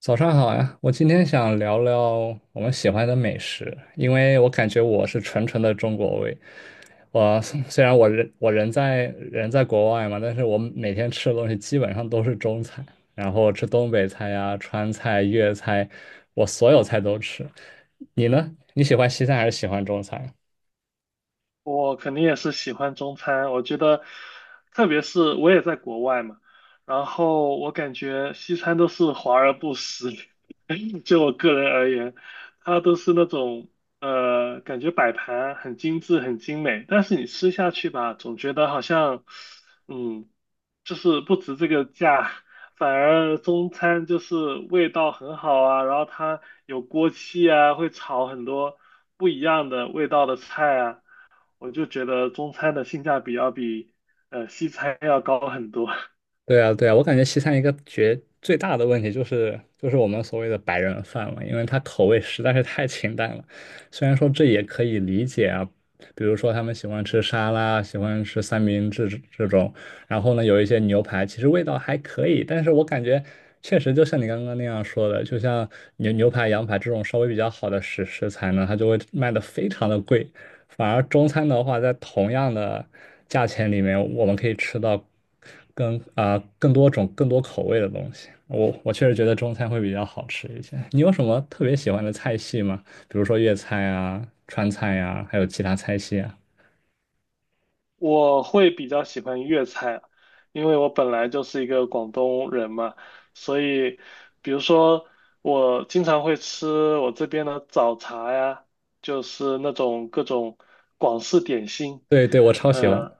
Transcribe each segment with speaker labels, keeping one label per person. Speaker 1: 早上好呀，我今天想聊聊我们喜欢的美食，因为我感觉我是纯纯的中国胃。我虽然我人在国外嘛，但是我每天吃的东西基本上都是中餐，然后吃东北菜呀、川菜、粤菜，我所有菜都吃。你呢？你喜欢西餐还是喜欢中餐？
Speaker 2: 我肯定也是喜欢中餐，我觉得，特别是我也在国外嘛，然后我感觉西餐都是华而不实，就我个人而言，它都是那种感觉摆盘很精致、很精美，但是你吃下去吧，总觉得好像，嗯，就是不值这个价，反而中餐就是味道很好啊，然后它有锅气啊，会炒很多不一样的味道的菜啊。我就觉得中餐的性价比要比西餐要高很多。
Speaker 1: 对啊，对啊，我感觉西餐一个最大的问题就是我们所谓的白人饭嘛，因为它口味实在是太清淡了。虽然说这也可以理解啊，比如说他们喜欢吃沙拉，喜欢吃三明治这种，然后呢有一些牛排，其实味道还可以，但是我感觉确实就像你刚刚那样说的，就像牛排、羊排这种稍微比较好的食材呢，它就会卖的非常的贵。反而中餐的话，在同样的价钱里面，我们可以吃到更多种、更多口味的东西。我确实觉得中餐会比较好吃一些。你有什么特别喜欢的菜系吗？比如说粤菜啊、川菜呀、还有其他菜系啊？
Speaker 2: 我会比较喜欢粤菜，因为我本来就是一个广东人嘛，所以比如说我经常会吃我这边的早茶呀，就是那种各种广式点心。
Speaker 1: 对对，我超喜欢。
Speaker 2: 呃，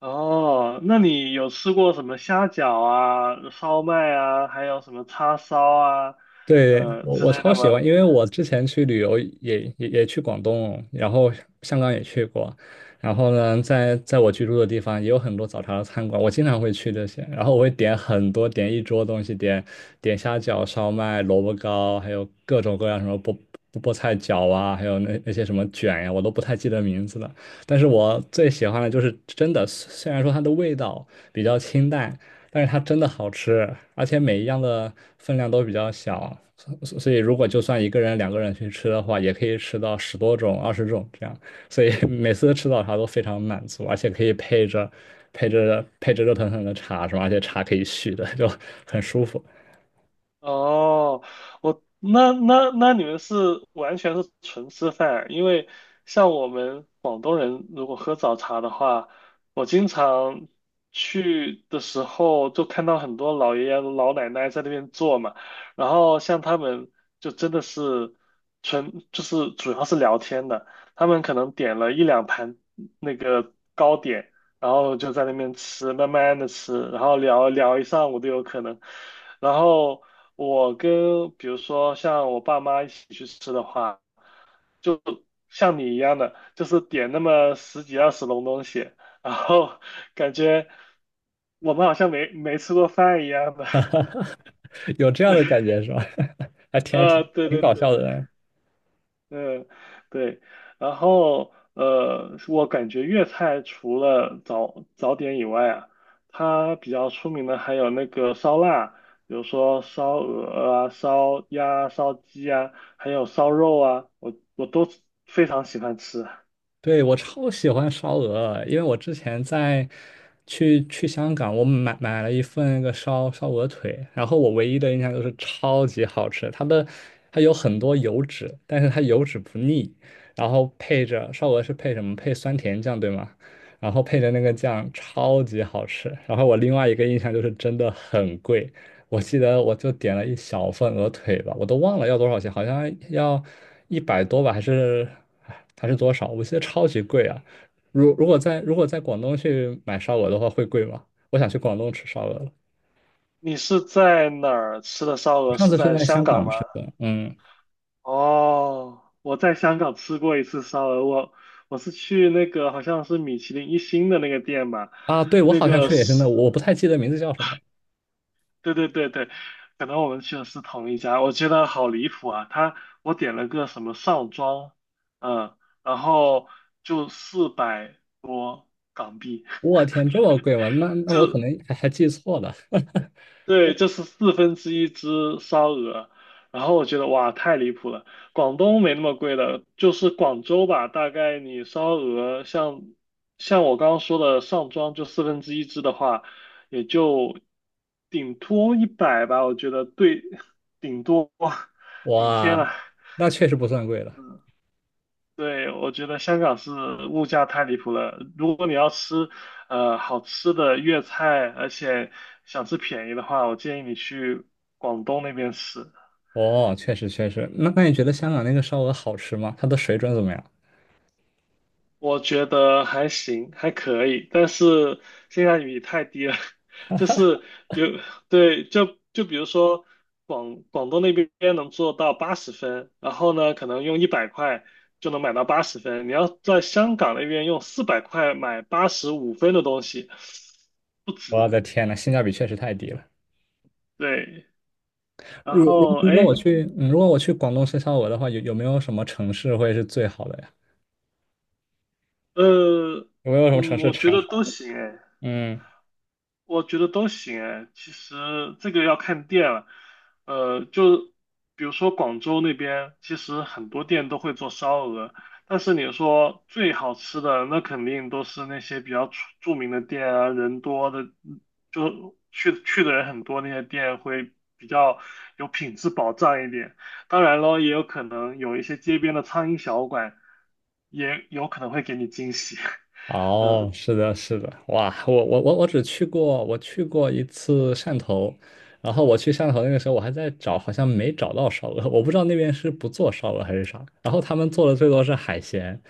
Speaker 2: 哦，那你有吃过什么虾饺啊、烧麦啊，还有什么叉烧啊，
Speaker 1: 对，我
Speaker 2: 之
Speaker 1: 我
Speaker 2: 类
Speaker 1: 超
Speaker 2: 的
Speaker 1: 喜
Speaker 2: 吗？
Speaker 1: 欢，因为我之前去旅游也去广东，然后香港也去过，然后呢，在我居住的地方也有很多早茶的餐馆，我经常会去这些，然后我会点很多，点一桌东西，点虾饺、烧麦、萝卜糕，还有各种各样什么菠菜饺啊，还有那些什么卷呀、我都不太记得名字了。但是我最喜欢的就是真的，虽然说它的味道比较清淡。但是它真的好吃，而且每一样的分量都比较小，所以如果就算一个人、两个人去吃的话，也可以吃到10多种、20种这样，所以 每次吃早茶都非常满足，而且可以配着热腾腾的茶是吧？而且茶可以续的，就很舒服，
Speaker 2: 哦，我那你们是完全是纯吃饭，因为像我们广东人如果喝早茶的话，我经常去的时候就看到很多老爷爷老奶奶在那边坐嘛，然后像他们就真的是纯就是主要是聊天的，他们可能点了一两盘那个糕点，然后就在那边吃，慢慢的吃，然后聊聊一上午都有可能。然后我跟比如说像我爸妈一起去吃的话，就像你一样的，就是点那么十几二十笼东西，然后感觉我们好像没吃过饭一样的。
Speaker 1: 有这样的感觉是吧？还挺还挺
Speaker 2: 对
Speaker 1: 挺
Speaker 2: 对
Speaker 1: 搞
Speaker 2: 对。
Speaker 1: 笑的，
Speaker 2: 嗯，对，然后我感觉粤菜除了早点以外啊，它比较出名的还有那个烧腊，比如说烧鹅啊、烧鸭啊、烧鸡啊，还有烧肉啊，我都非常喜欢吃。
Speaker 1: 对，我超喜欢烧鹅，因为我之前去香港，我买了一份那个烧鹅腿，然后我唯一的印象就是超级好吃，它有很多油脂，但是它油脂不腻，然后配着烧鹅是配什么？配酸甜酱，对吗？然后配着那个酱超级好吃。然后我另外一个印象就是真的很贵，我记得我就点了一小份鹅腿吧，我都忘了要多少钱，好像要100多吧，还是多少？我记得超级贵啊！如果在广东去买烧鹅的话，会贵吗？我想去广东吃烧鹅了，
Speaker 2: 你是在哪儿吃的烧鹅？
Speaker 1: 上
Speaker 2: 是
Speaker 1: 次是
Speaker 2: 在
Speaker 1: 在
Speaker 2: 香
Speaker 1: 香
Speaker 2: 港
Speaker 1: 港
Speaker 2: 吗？
Speaker 1: 吃的，嗯
Speaker 2: 哦，我在香港吃过一次烧鹅，我是去那个好像是米其林一星的那个店吧。
Speaker 1: 啊，对，我
Speaker 2: 那
Speaker 1: 好像
Speaker 2: 个
Speaker 1: 去
Speaker 2: 嗯
Speaker 1: 的也是
Speaker 2: 是
Speaker 1: 那，我不太记得名字叫什么。
Speaker 2: 对对对对，可能我们去的是同一家，我觉得好离谱啊！我点了个什么上庄，嗯，然后就400多港币，
Speaker 1: 我天，这么贵吗？那我可 能还记错了，
Speaker 2: 对，这是四分之一只烧鹅，然后我觉得哇，太离谱了。广东没那么贵的，就是广州吧，大概你烧鹅像我刚刚说的上庄就四分之一只的话，也就顶多一百吧，我觉得对，顶多，顶天
Speaker 1: 哇，
Speaker 2: 了。
Speaker 1: 那确实不算贵了。
Speaker 2: 对，我觉得香港是物价太离谱了。如果你要吃好吃的粤菜，而且想吃便宜的话，我建议你去广东那边吃。
Speaker 1: 哦，确实确实。那你觉得香港那个烧鹅好吃吗？它的水准怎么样？
Speaker 2: 我觉得还行，还可以，但是性价比太低了。就是比如，对，就比如说广东那边能做到八十分，然后呢，可能用100块就能买到八十分。你要在香港那边用400块买85分的东西，不止。
Speaker 1: 我的天呐，性价比确实太低了。
Speaker 2: 对，然
Speaker 1: 如如
Speaker 2: 后
Speaker 1: 如
Speaker 2: 哎，
Speaker 1: 果我
Speaker 2: 诶
Speaker 1: 去，如果我去广东深烧鹅的话，有没有什么城市会是最好的呀？
Speaker 2: 呃，
Speaker 1: 有没有什么城市
Speaker 2: 我觉
Speaker 1: 产
Speaker 2: 得都
Speaker 1: 烧？
Speaker 2: 行哎。
Speaker 1: 嗯
Speaker 2: 我觉得都行哎，其实这个要看店了，就比如说广州那边，其实很多店都会做烧鹅，但是你说最好吃的，那肯定都是那些比较著名的店啊，人多的，就去的人很多那些店会比较有品质保障一点。当然咯，也有可能有一些街边的苍蝇小馆，也有可能会给你惊喜。嗯
Speaker 1: 哦，是的，是的，哇，我只去过，我去过一次汕头，然后我去汕头那个时候，我还在找，好像没找到烧鹅，我不知道那边是不做烧鹅还是啥，然后他们做的最多是海鲜，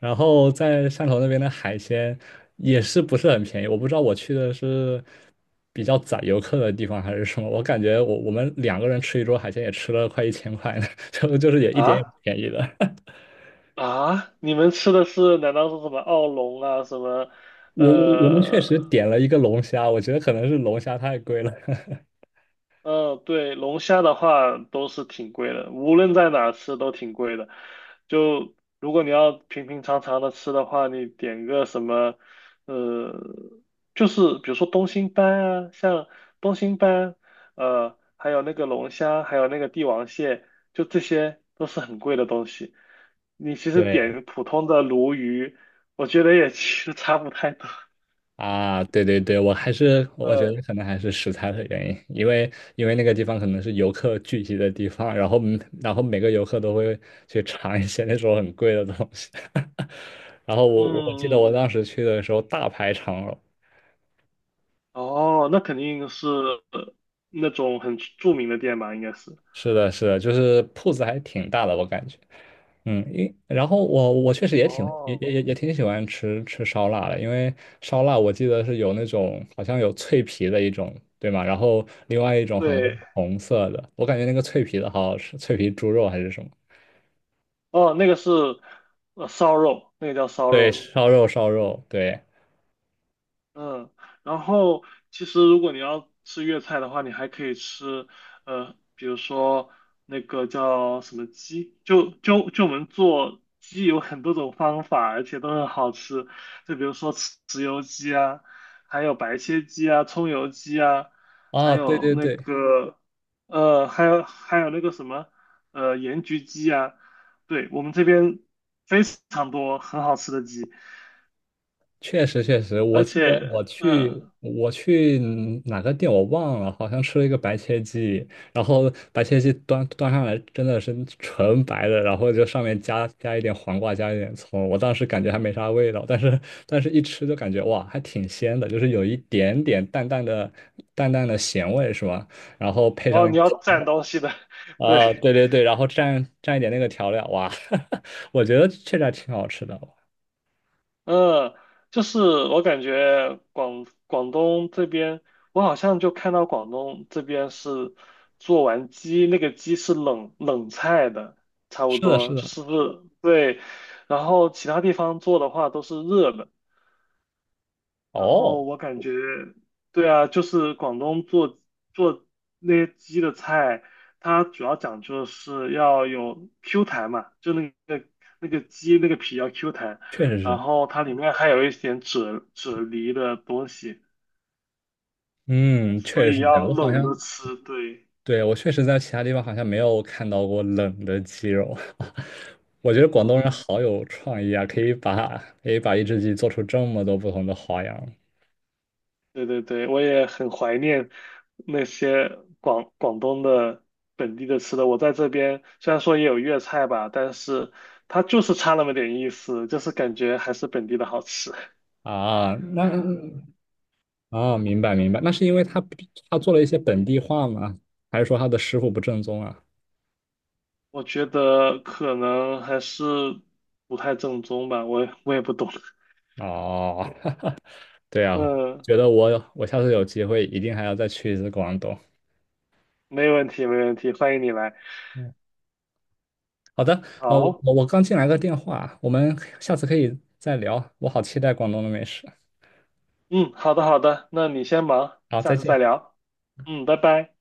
Speaker 1: 然后在汕头那边的海鲜也是不是很便宜，我不知道我去的是比较宰游客的地方还是什么，我感觉我们两个人吃一桌海鲜也吃了快1000块呢，就是也一点也不
Speaker 2: 啊？
Speaker 1: 便宜的，
Speaker 2: 啊，你们吃的是难道是什么奥龙啊，什么
Speaker 1: 我我们确
Speaker 2: 呃
Speaker 1: 实点了一个龙虾，我觉得可能是龙虾太贵了。
Speaker 2: 嗯，对，龙虾的话都是挺贵的，无论在哪吃都挺贵的。就如果你要平平常常的吃的话，你点个什么，呃，就是比如说东星斑啊，像东星斑，还有那个龙虾，还有那个帝王蟹，就这些都是很贵的东西。你其实
Speaker 1: 对
Speaker 2: 点普通的鲈鱼，我觉得也 其实差不太多。
Speaker 1: 啊，对对对，我还是我觉得
Speaker 2: 呃，
Speaker 1: 可能还是食材的原因，因为那个地方可能是游客聚集的地方，然后每个游客都会去尝一些那种很贵的东西。然后我记得
Speaker 2: 嗯
Speaker 1: 我当时去的时候大排长龙，
Speaker 2: 哦，那肯定是呃那种很著名的店吧，应该是。
Speaker 1: 是的，是的，就是铺子还挺大的，我感觉。嗯，然后我确实也挺也也也
Speaker 2: 哦，
Speaker 1: 也挺喜欢吃烧腊的，因为烧腊我记得是有那种好像有脆皮的一种，对吗？然后另外一种好像是
Speaker 2: 对，
Speaker 1: 红色的，我感觉那个脆皮的好好吃，脆皮猪肉还是什么？
Speaker 2: 哦，那个是烧肉，那个叫烧
Speaker 1: 对，
Speaker 2: 肉。
Speaker 1: 烧肉烧肉，对，
Speaker 2: 嗯，然后其实如果你要吃粤菜的话，你还可以吃，比如说那个叫什么鸡，就我们做鸡有很多种方法，而且都很好吃。就比如说豉油鸡啊，还有白切鸡啊，葱油鸡啊，还
Speaker 1: 啊，对
Speaker 2: 有
Speaker 1: 对
Speaker 2: 那
Speaker 1: 对，
Speaker 2: 个呃，还有还有那个什么呃盐焗鸡啊，对，我们这边非常多很好吃的鸡。
Speaker 1: 确实确实，我
Speaker 2: 而
Speaker 1: 记得
Speaker 2: 且，
Speaker 1: 我去我去哪个店我忘了，好像吃了一个白切鸡，然后白切鸡端上来真的是纯白的，然后就上面加一点黄瓜，加一点葱，我当时感觉还没啥味道，但是一吃就感觉哇，还挺鲜的，就是有一点点淡淡的咸味是吧？然后配上
Speaker 2: 哦，
Speaker 1: 那
Speaker 2: 你
Speaker 1: 个
Speaker 2: 要
Speaker 1: 糖
Speaker 2: 蘸东西的，对，
Speaker 1: 啊，对对对，然后蘸一点那个调料，哇，我觉得确实还挺好吃的，
Speaker 2: 嗯，就是我感觉广东这边，我好像就看到广东这边是做完鸡，那个鸡是冷菜的，差不
Speaker 1: 是的是
Speaker 2: 多就
Speaker 1: 的，
Speaker 2: 是不是对，然后其他地方做的话都是热的。然
Speaker 1: 哦，
Speaker 2: 后我感觉，对啊，就是广东做那些鸡的菜，它主要讲究的是要有 Q 弹嘛，就那个鸡那个皮要 Q 弹，
Speaker 1: 确实
Speaker 2: 然
Speaker 1: 是。
Speaker 2: 后它里面还有一点啫喱的东西，
Speaker 1: 嗯，确
Speaker 2: 所
Speaker 1: 实
Speaker 2: 以
Speaker 1: 是这
Speaker 2: 要
Speaker 1: 样。我好
Speaker 2: 冷
Speaker 1: 像，
Speaker 2: 着吃。对，
Speaker 1: 对，我确实在其他地方好像没有看到过冷的鸡肉。我觉得广东人
Speaker 2: 嗯，
Speaker 1: 好有创意啊，可以把一只鸡做出这么多不同的花样
Speaker 2: 对对对，我也很怀念那些广东的本地的吃的。我在这边虽然说也有粤菜吧，但是它就是差那么点意思，就是感觉还是本地的好吃。
Speaker 1: 啊。那啊，明白明白，那是因为他做了一些本地化吗？还是说他的师傅不正宗啊？
Speaker 2: 我觉得可能还是不太正宗吧，我也不懂。
Speaker 1: 哦，对啊，
Speaker 2: 嗯，
Speaker 1: 觉得我下次有机会一定还要再去一次广东。
Speaker 2: 没问题，没问题，欢迎你来。
Speaker 1: 好的，哦，
Speaker 2: 好，
Speaker 1: 我刚进来个电话，我们下次可以再聊。我好期待广东的美食。
Speaker 2: 嗯，好的好的，那你先忙，
Speaker 1: 好，
Speaker 2: 下
Speaker 1: 再
Speaker 2: 次再
Speaker 1: 见。
Speaker 2: 聊。嗯，拜拜。